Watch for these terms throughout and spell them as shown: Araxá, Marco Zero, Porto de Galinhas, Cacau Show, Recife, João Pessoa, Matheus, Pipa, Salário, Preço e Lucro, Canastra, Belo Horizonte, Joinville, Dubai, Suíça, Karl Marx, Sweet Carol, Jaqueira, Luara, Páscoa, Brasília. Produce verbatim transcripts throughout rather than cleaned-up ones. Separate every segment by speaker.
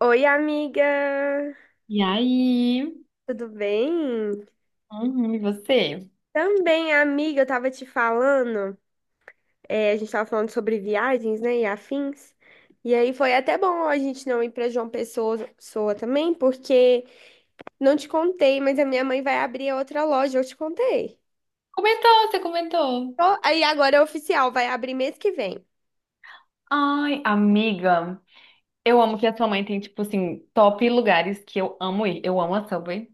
Speaker 1: Oi, amiga!
Speaker 2: E aí?
Speaker 1: Tudo bem?
Speaker 2: Uhum, e você?
Speaker 1: Também, amiga, eu tava te falando, é, a gente tava falando sobre viagens, né, e afins. E aí foi até bom a gente não ir pra João Pessoa, Pessoa também, porque não te contei, mas a minha mãe vai abrir outra loja, eu te contei.
Speaker 2: Comentou, você comentou.
Speaker 1: Ó, aí agora é oficial, vai abrir mês que vem.
Speaker 2: Ai, amiga, eu amo que a sua mãe tem, tipo assim, top lugares que eu amo ir. Eu amo a Subway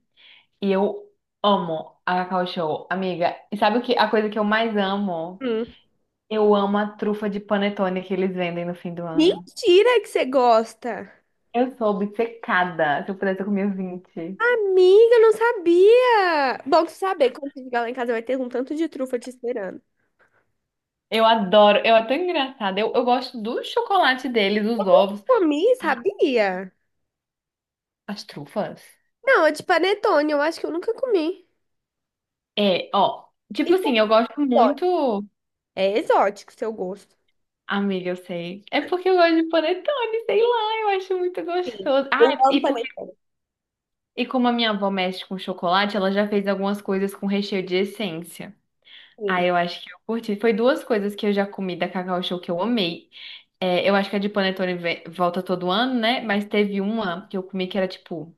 Speaker 2: e eu amo a Cacau Show, amiga. E sabe o que? A coisa que eu mais amo?
Speaker 1: Hum.
Speaker 2: Eu amo a trufa de panetone que eles vendem no fim do ano.
Speaker 1: Mentira que você gosta!
Speaker 2: Eu sou obcecada. Se eu pudesse, eu comia vinte.
Speaker 1: Amiga, eu não sabia! Bom tu saber, quando você chegar lá em casa vai ter um tanto de trufa te esperando.
Speaker 2: Eu adoro, eu é tão engraçada. Eu, eu gosto do chocolate deles, dos ovos.
Speaker 1: Comi,
Speaker 2: Ah,
Speaker 1: sabia?
Speaker 2: as trufas.
Speaker 1: Não, é de panetone, eu acho que eu nunca comi.
Speaker 2: É, ó, tipo
Speaker 1: Isso é
Speaker 2: assim, eu gosto
Speaker 1: exótico.
Speaker 2: muito.
Speaker 1: É exótico, seu gosto.
Speaker 2: Amiga, eu sei. É porque eu gosto de panetone, sei lá, eu acho muito gostoso.
Speaker 1: Eu
Speaker 2: Ah,
Speaker 1: amo
Speaker 2: e porque e como a minha avó mexe com chocolate, ela já fez algumas coisas com recheio de essência. Ah,
Speaker 1: panetone.
Speaker 2: eu acho que eu curti. Foi duas coisas que eu já comi da Cacau Show que eu amei. É, eu acho que a de panetone ve- volta todo ano, né? Mas teve uma que eu comi que era tipo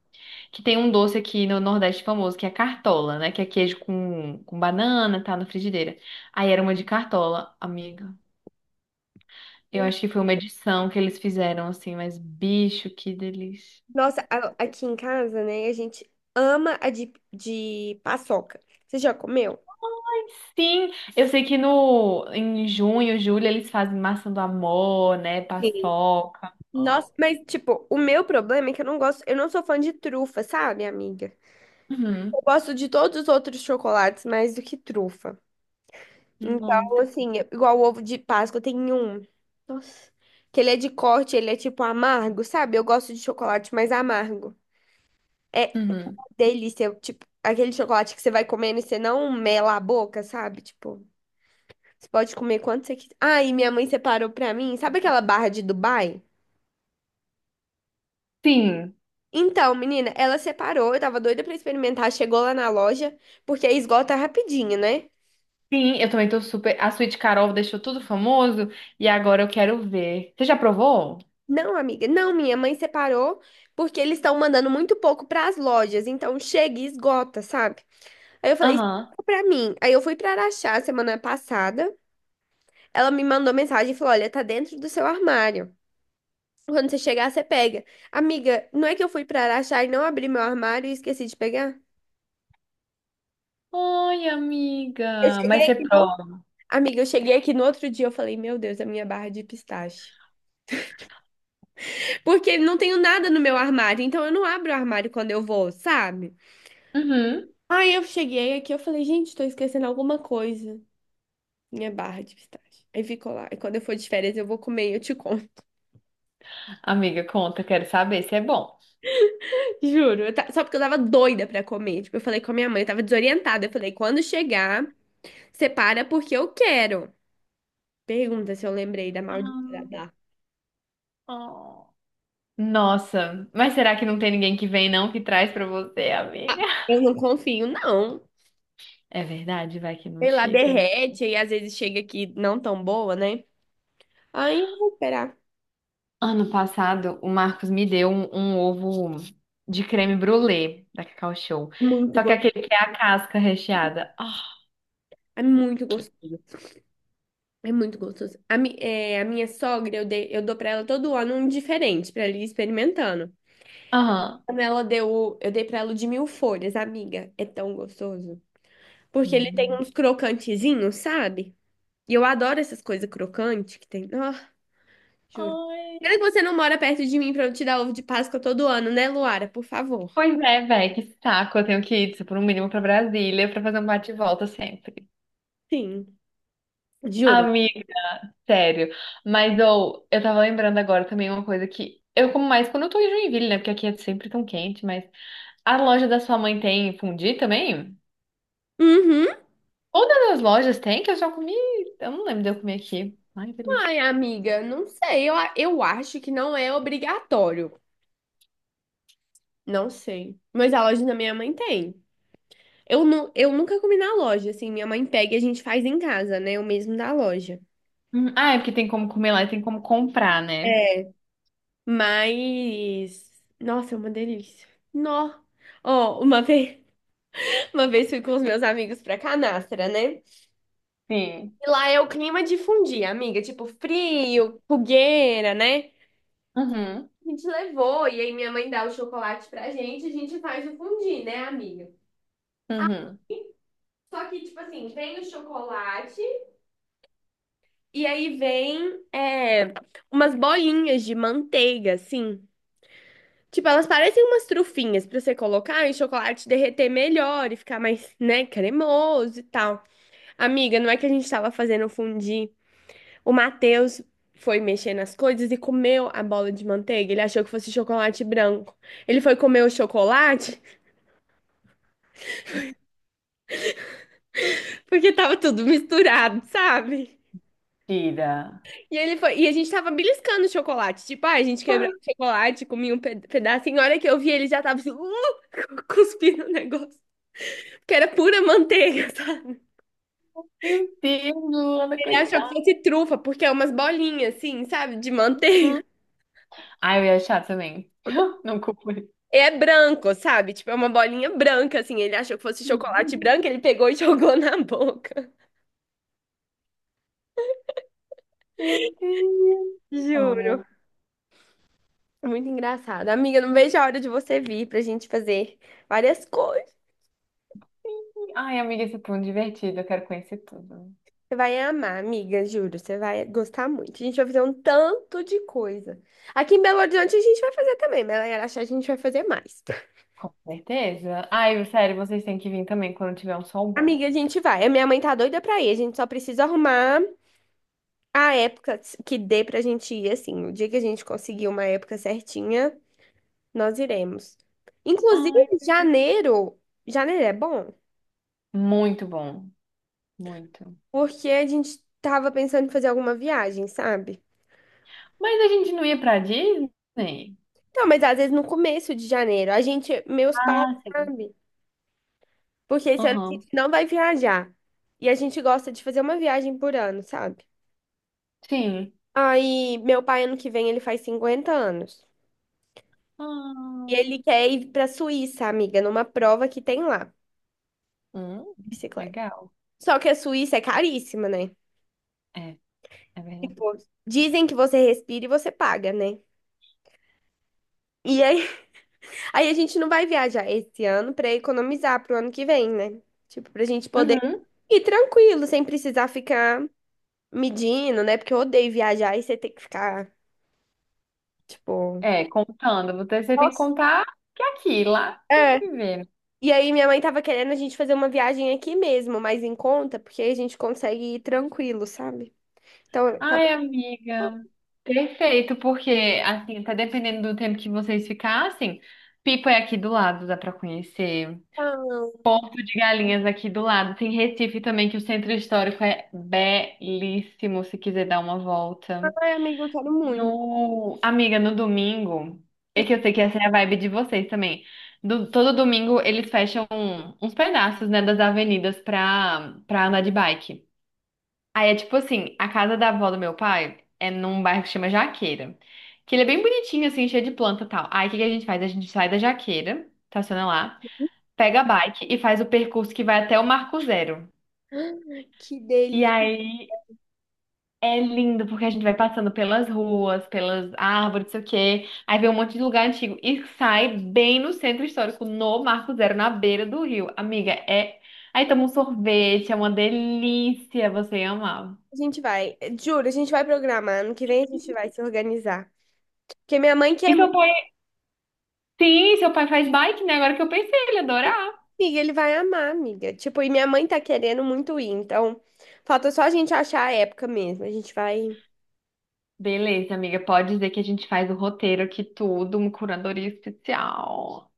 Speaker 2: que tem um doce aqui no Nordeste famoso, que é cartola, né? Que é queijo com, com banana, tá na frigideira. Aí era uma de cartola, amiga. Eu acho que foi uma edição que eles fizeram, assim, mas bicho, que delícia.
Speaker 1: Nossa, a- aqui em casa, né, a gente ama a de, de paçoca. Você já comeu?
Speaker 2: Sim, eu sei que no, em junho, julho, eles fazem massa do amor, né?
Speaker 1: Sim.
Speaker 2: Paçoca. Ah.
Speaker 1: Nossa, mas tipo, o meu problema é que eu não gosto, eu não sou fã de trufa, sabe, amiga?
Speaker 2: Uhum.
Speaker 1: Eu gosto de todos os outros chocolates mais do que trufa. Então,
Speaker 2: Nossa.
Speaker 1: assim, é igual o ovo de Páscoa, tem um. Nossa, que ele é de corte, ele é tipo amargo, sabe? Eu gosto de chocolate mais amargo. É,
Speaker 2: Uhum.
Speaker 1: delícia. Tipo, aquele chocolate que você vai comendo e você não mela a boca, sabe? Tipo, você pode comer quanto você quiser. Ah, e minha mãe separou pra mim. Sabe aquela barra de Dubai?
Speaker 2: Sim,
Speaker 1: Então, menina, ela separou. Eu tava doida pra experimentar. Chegou lá na loja, porque aí esgota rapidinho, né?
Speaker 2: sim, eu também tô super. A Sweet Carol deixou tudo famoso e agora eu quero ver. Você já provou?
Speaker 1: Não, amiga, não, minha mãe separou porque eles estão mandando muito pouco pras lojas, então chega e esgota, sabe? Aí eu falei,
Speaker 2: Aham.
Speaker 1: "Separa pra mim. Aí eu fui pra Araxá semana passada. Ela me mandou mensagem e falou: "Olha, tá dentro do seu armário". Quando você chegar, você pega. Amiga, não é que eu fui pra Araxá e não abri meu armário e esqueci de pegar?
Speaker 2: Oi,
Speaker 1: Eu
Speaker 2: amiga. Mas
Speaker 1: cheguei
Speaker 2: você
Speaker 1: aqui no...
Speaker 2: prova.
Speaker 1: Amiga, eu cheguei aqui no outro dia, eu falei, meu Deus, a minha barra de pistache. Porque não tenho nada no meu armário, então eu não abro o armário quando eu vou, sabe?
Speaker 2: Uhum.
Speaker 1: Aí eu cheguei aqui, eu falei, gente, tô esquecendo alguma coisa. Minha barra de pistache. Aí ficou lá. E quando eu for de férias, eu vou comer e eu te conto.
Speaker 2: Amiga, conta, quero saber se é bom.
Speaker 1: Juro. eu ta- Só porque eu tava doida pra comer. Tipo, eu falei com a minha mãe, eu tava desorientada. Eu falei, quando chegar, separa porque eu quero. Pergunta se eu lembrei da maldita da
Speaker 2: Ah,
Speaker 1: Dark.
Speaker 2: oh. Nossa, mas será que não tem ninguém que vem não que traz pra você, amiga?
Speaker 1: Eu não confio, não.
Speaker 2: É verdade, vai que não
Speaker 1: Sei lá,
Speaker 2: chega, né?
Speaker 1: derrete e às vezes chega aqui não tão boa, né? Aí eu vou esperar.
Speaker 2: Ano passado, o Marcos me deu um, um ovo de creme brulee da Cacau Show.
Speaker 1: É muito
Speaker 2: Só que
Speaker 1: go...
Speaker 2: aquele que é a casca recheada. Ah.
Speaker 1: É muito gostoso. É muito gostoso. A, mi... é, a minha sogra, eu, dei... eu dou pra ela todo ano um diferente, pra ela ir experimentando.
Speaker 2: Aham.
Speaker 1: Quando ela deu, o- Eu dei pra ela o de mil folhas, amiga. É tão gostoso. Porque ele tem
Speaker 2: Hum.
Speaker 1: uns crocantezinhos, sabe? E eu adoro essas coisas crocantes que tem. Ah, juro. Pena
Speaker 2: Ai.
Speaker 1: que você não mora perto de mim pra eu te dar ovo de Páscoa todo ano, né, Luara? Por favor.
Speaker 2: Pois é, véi, que saco. Eu tenho que ir, por um mínimo, pra Brasília pra fazer um bate-volta sempre.
Speaker 1: Sim, juro.
Speaker 2: Amigo, sério. Mas ou eu tava lembrando agora também uma coisa que eu como mais quando eu tô em Joinville, né? Porque aqui é sempre tão quente, mas a loja da sua mãe tem fundi também?
Speaker 1: Uhum.
Speaker 2: Todas as lojas tem que eu já comi. Eu não lembro de eu comer aqui. Ai, que delícia.
Speaker 1: Ai, amiga, não sei. Eu, a- eu acho que não é obrigatório. Não sei. Mas a loja da minha mãe tem. Eu, nu, eu nunca comi na loja, assim. Minha mãe pega e a gente faz em casa, né? O mesmo da loja.
Speaker 2: Hum, Ah, é porque tem como comer lá e tem como comprar, né?
Speaker 1: É. Mas. Nossa, é uma delícia. Nó. Ó, uma vez, uma vez fui com os meus amigos pra Canastra, né?
Speaker 2: Sim.
Speaker 1: E lá é o clima de fundir, amiga, tipo frio, fogueira, né?
Speaker 2: Uhum.
Speaker 1: A gente levou, e aí minha mãe dá o chocolate pra gente, a gente faz o fundir, né, amiga? Ah,
Speaker 2: Uhum.
Speaker 1: só que, tipo assim, vem o chocolate e aí vem é, umas bolinhas de manteiga, assim. Tipo, elas parecem umas trufinhas pra você colocar e o chocolate derreter melhor e ficar mais, né, cremoso e tal. Amiga, não é que a gente tava fazendo fundir. O Matheus foi mexer nas coisas e comeu a bola de manteiga. Ele achou que fosse chocolate branco. Ele foi comer o chocolate porque tava tudo misturado, sabe?
Speaker 2: Tira.
Speaker 1: E ele foi, e a gente tava beliscando o chocolate. Tipo, ah, a gente quebrava o chocolate, comia um pe- pedaço. E na hora que eu vi, ele já tava assim, uh, cuspindo o negócio. Porque era pura manteiga, sabe?
Speaker 2: Meu Deus, Luana,
Speaker 1: Ele achou que
Speaker 2: coitada.
Speaker 1: fosse trufa, porque é umas bolinhas, assim, sabe? De manteiga.
Speaker 2: Ai, eu ia achar também. Não culpo ele.
Speaker 1: É branco, sabe? Tipo, é uma bolinha branca, assim. Ele achou que fosse chocolate branco, ele pegou e jogou na boca.
Speaker 2: Meu Deus.
Speaker 1: Juro.
Speaker 2: Amo.
Speaker 1: Muito engraçado. Amiga, não vejo a hora de você vir pra gente fazer várias coisas.
Speaker 2: Ai, amiga, esse ponto divertido, eu quero conhecer tudo.
Speaker 1: Você vai amar, amiga, juro. Você vai gostar muito. A gente vai fazer um tanto de coisa. Aqui em Belo Horizonte a gente vai fazer também, mas lá em Araxá a gente vai fazer mais.
Speaker 2: Com certeza. Ai, sério, vocês têm que vir também quando tiver um sol bom.
Speaker 1: Amiga, a gente vai. A minha mãe tá doida pra ir. A gente só precisa arrumar a época que dê pra gente ir, assim. O dia que a gente conseguir uma época certinha. Nós iremos. Inclusive,
Speaker 2: Ai,
Speaker 1: janeiro, janeiro é bom,
Speaker 2: muito bom, muito.
Speaker 1: porque a gente tava pensando em fazer alguma viagem, sabe?
Speaker 2: Mas a gente não ia pra Disney?
Speaker 1: Então, mas às vezes no começo de janeiro, a gente, meus pais,
Speaker 2: Ah, sim.
Speaker 1: sabe? Porque esse ano a gente
Speaker 2: Aham.
Speaker 1: não vai viajar. E a gente gosta de fazer uma viagem por ano, sabe?
Speaker 2: Sim.
Speaker 1: Aí, meu pai, ano que vem, ele faz cinquenta anos. E
Speaker 2: Ah,
Speaker 1: ele quer ir pra Suíça, amiga, numa prova que tem lá, de
Speaker 2: hum,
Speaker 1: bicicleta.
Speaker 2: legal.
Speaker 1: Só que a Suíça é caríssima, né?
Speaker 2: É, é verdade.
Speaker 1: Tipo, dizem que você respira e você paga, né? E aí a gente não vai viajar esse ano pra economizar pro ano que vem, né? Tipo, pra gente poder
Speaker 2: Uhum.
Speaker 1: ir tranquilo, sem precisar ficar medindo, né? Porque eu odeio viajar e você ter que ficar, tipo.
Speaker 2: É, contando, você, você tem que
Speaker 1: Nossa.
Speaker 2: contar que é aqui, lá tem
Speaker 1: É.
Speaker 2: que viver.
Speaker 1: E aí minha mãe tava querendo a gente fazer uma viagem aqui mesmo, mais em conta, porque aí a gente consegue ir tranquilo, sabe? Então, eu tava.
Speaker 2: Ai, amiga, perfeito, porque assim, tá dependendo do tempo que vocês ficassem, Pipa é aqui do lado, dá pra conhecer.
Speaker 1: "Não,
Speaker 2: Porto de Galinhas aqui do lado. Tem Recife também, que o centro histórico é belíssimo, se quiser dar uma volta.
Speaker 1: ai, amiga, eu quero muito.
Speaker 2: No... Amiga, no domingo, é
Speaker 1: Eu
Speaker 2: que
Speaker 1: quero-
Speaker 2: eu sei que essa é a vibe de vocês também. Do- todo domingo eles fecham um, uns pedaços, né, das avenidas pra, pra andar de bike. Aí é tipo assim, a casa da avó do meu pai é num bairro que chama Jaqueira. Que ele é bem bonitinho, assim, cheio de planta e tal. Aí o que que a gente faz? A gente sai da Jaqueira, estaciona lá, pega a bike e faz o percurso que vai até o Marco Zero.
Speaker 1: Que
Speaker 2: E
Speaker 1: delícia.
Speaker 2: aí é lindo, porque a gente vai passando pelas ruas, pelas árvores, não sei o quê. Aí vê um monte de lugar antigo e sai bem no centro histórico, no Marco Zero, na beira do rio. Amiga, é. Aí toma um sorvete, é uma delícia, você ia amar.
Speaker 1: A gente vai, juro, a gente vai programar. Ano que vem a gente vai se organizar. Porque minha mãe
Speaker 2: E
Speaker 1: quer
Speaker 2: seu pai, sim, seu pai faz bike, né? Agora que eu pensei, ele ia adorar.
Speaker 1: Amiga, ele vai amar, amiga. Tipo, e minha mãe tá querendo muito ir, então falta só a gente achar a época mesmo. A gente vai,
Speaker 2: Beleza, amiga, pode dizer que a gente faz o roteiro aqui tudo, uma curadoria especial.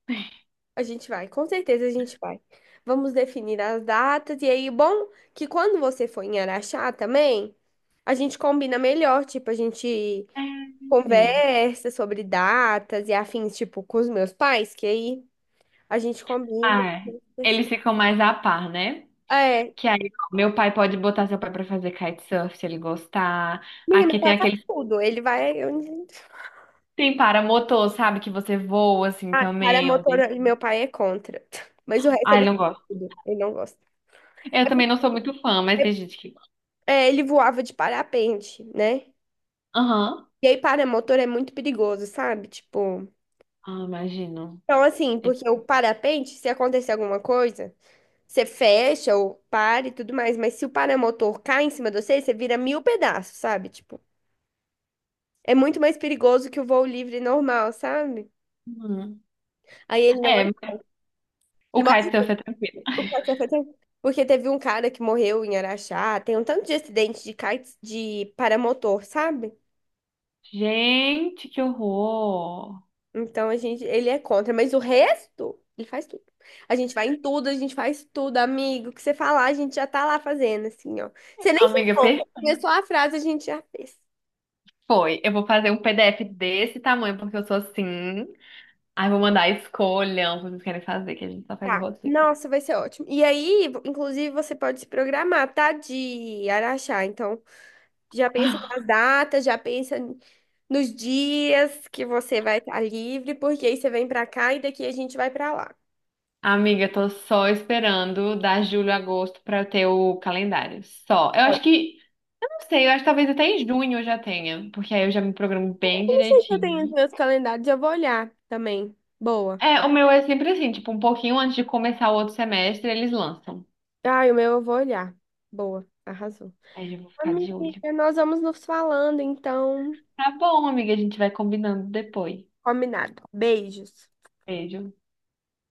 Speaker 1: a gente vai, com certeza a gente vai. Vamos definir as datas e aí, bom, que quando você for em Araxá também, a gente combina melhor, tipo, a gente
Speaker 2: É.
Speaker 1: conversa sobre datas e afins, tipo, com os meus pais, que aí a gente combina.
Speaker 2: Ah, eles ficam mais a par, né?
Speaker 1: É,
Speaker 2: Que aí meu pai pode botar seu pai pra fazer kitesurf se ele gostar.
Speaker 1: amiga, meu
Speaker 2: Aqui tem
Speaker 1: pai faz
Speaker 2: aquele
Speaker 1: tudo, ele vai onde
Speaker 2: tem paramotor, sabe? Que você voa assim
Speaker 1: Para
Speaker 2: também. É um
Speaker 1: motor,
Speaker 2: dele.
Speaker 1: meu pai é contra. Mas o resto
Speaker 2: Ai,
Speaker 1: ele
Speaker 2: não gosto.
Speaker 1: tudo, ele não gosta.
Speaker 2: Eu também não sou muito fã, mas tem gente que gosta.
Speaker 1: É, ele voava de parapente, né?
Speaker 2: Aham.
Speaker 1: E aí paramotor é muito perigoso, sabe? Tipo,
Speaker 2: Ah, imagino.
Speaker 1: então assim,
Speaker 2: É.
Speaker 1: porque o parapente, se acontecer alguma coisa, você fecha ou para e tudo mais, mas se o paramotor cai em cima de você, você vira mil pedaços, sabe? Tipo, é muito mais perigoso que o voo livre normal, sabe?
Speaker 2: Uhum.
Speaker 1: Aí ele não,
Speaker 2: É, o
Speaker 1: ele mostra o
Speaker 2: kitesurf é tranquilo.
Speaker 1: que aconteceu fez, porque teve um cara que morreu em Araxá, tem um tanto de acidente de kites de paramotor, sabe?
Speaker 2: Gente, que horror!
Speaker 1: Então a gente, ele é contra, mas o resto, ele faz tudo. A gente vai em tudo, a gente faz tudo, amigo. O que você falar, a gente já tá lá fazendo, assim, ó. Você nem
Speaker 2: Amiga,
Speaker 1: falou,
Speaker 2: per-
Speaker 1: começou a frase, a gente já fez.
Speaker 2: foi. Eu vou fazer um P D F desse tamanho, porque eu sou assim. Aí vou mandar escolham o que vocês querem fazer, que a gente só faz o
Speaker 1: Tá.
Speaker 2: roteiro.
Speaker 1: Nossa, vai ser ótimo. E aí, vo- inclusive, você pode se programar, tá? De Araxá. Então, já pensa nas datas, já pensa n- nos dias que você vai estar livre, porque aí você vem pra cá e daqui a gente vai pra lá.
Speaker 2: Amiga, eu tô só esperando dar julho agosto pra eu ter o calendário. Só. Eu
Speaker 1: Tá.
Speaker 2: acho que. Eu não sei, eu acho que talvez até em junho eu já tenha, porque aí eu já me programo bem
Speaker 1: Eu não sei se eu
Speaker 2: direitinho.
Speaker 1: tenho os meus calendários, eu vou olhar também. Boa.
Speaker 2: É, o meu é sempre assim, tipo, um pouquinho antes de começar o outro semestre, eles lançam.
Speaker 1: Ai, o meu eu vou olhar. Boa, arrasou.
Speaker 2: Aí eu já vou ficar de olho.
Speaker 1: Amiga, nós vamos nos falando, então.
Speaker 2: Tá bom, amiga, a gente vai combinando depois.
Speaker 1: Combinado. Beijos.
Speaker 2: Beijo.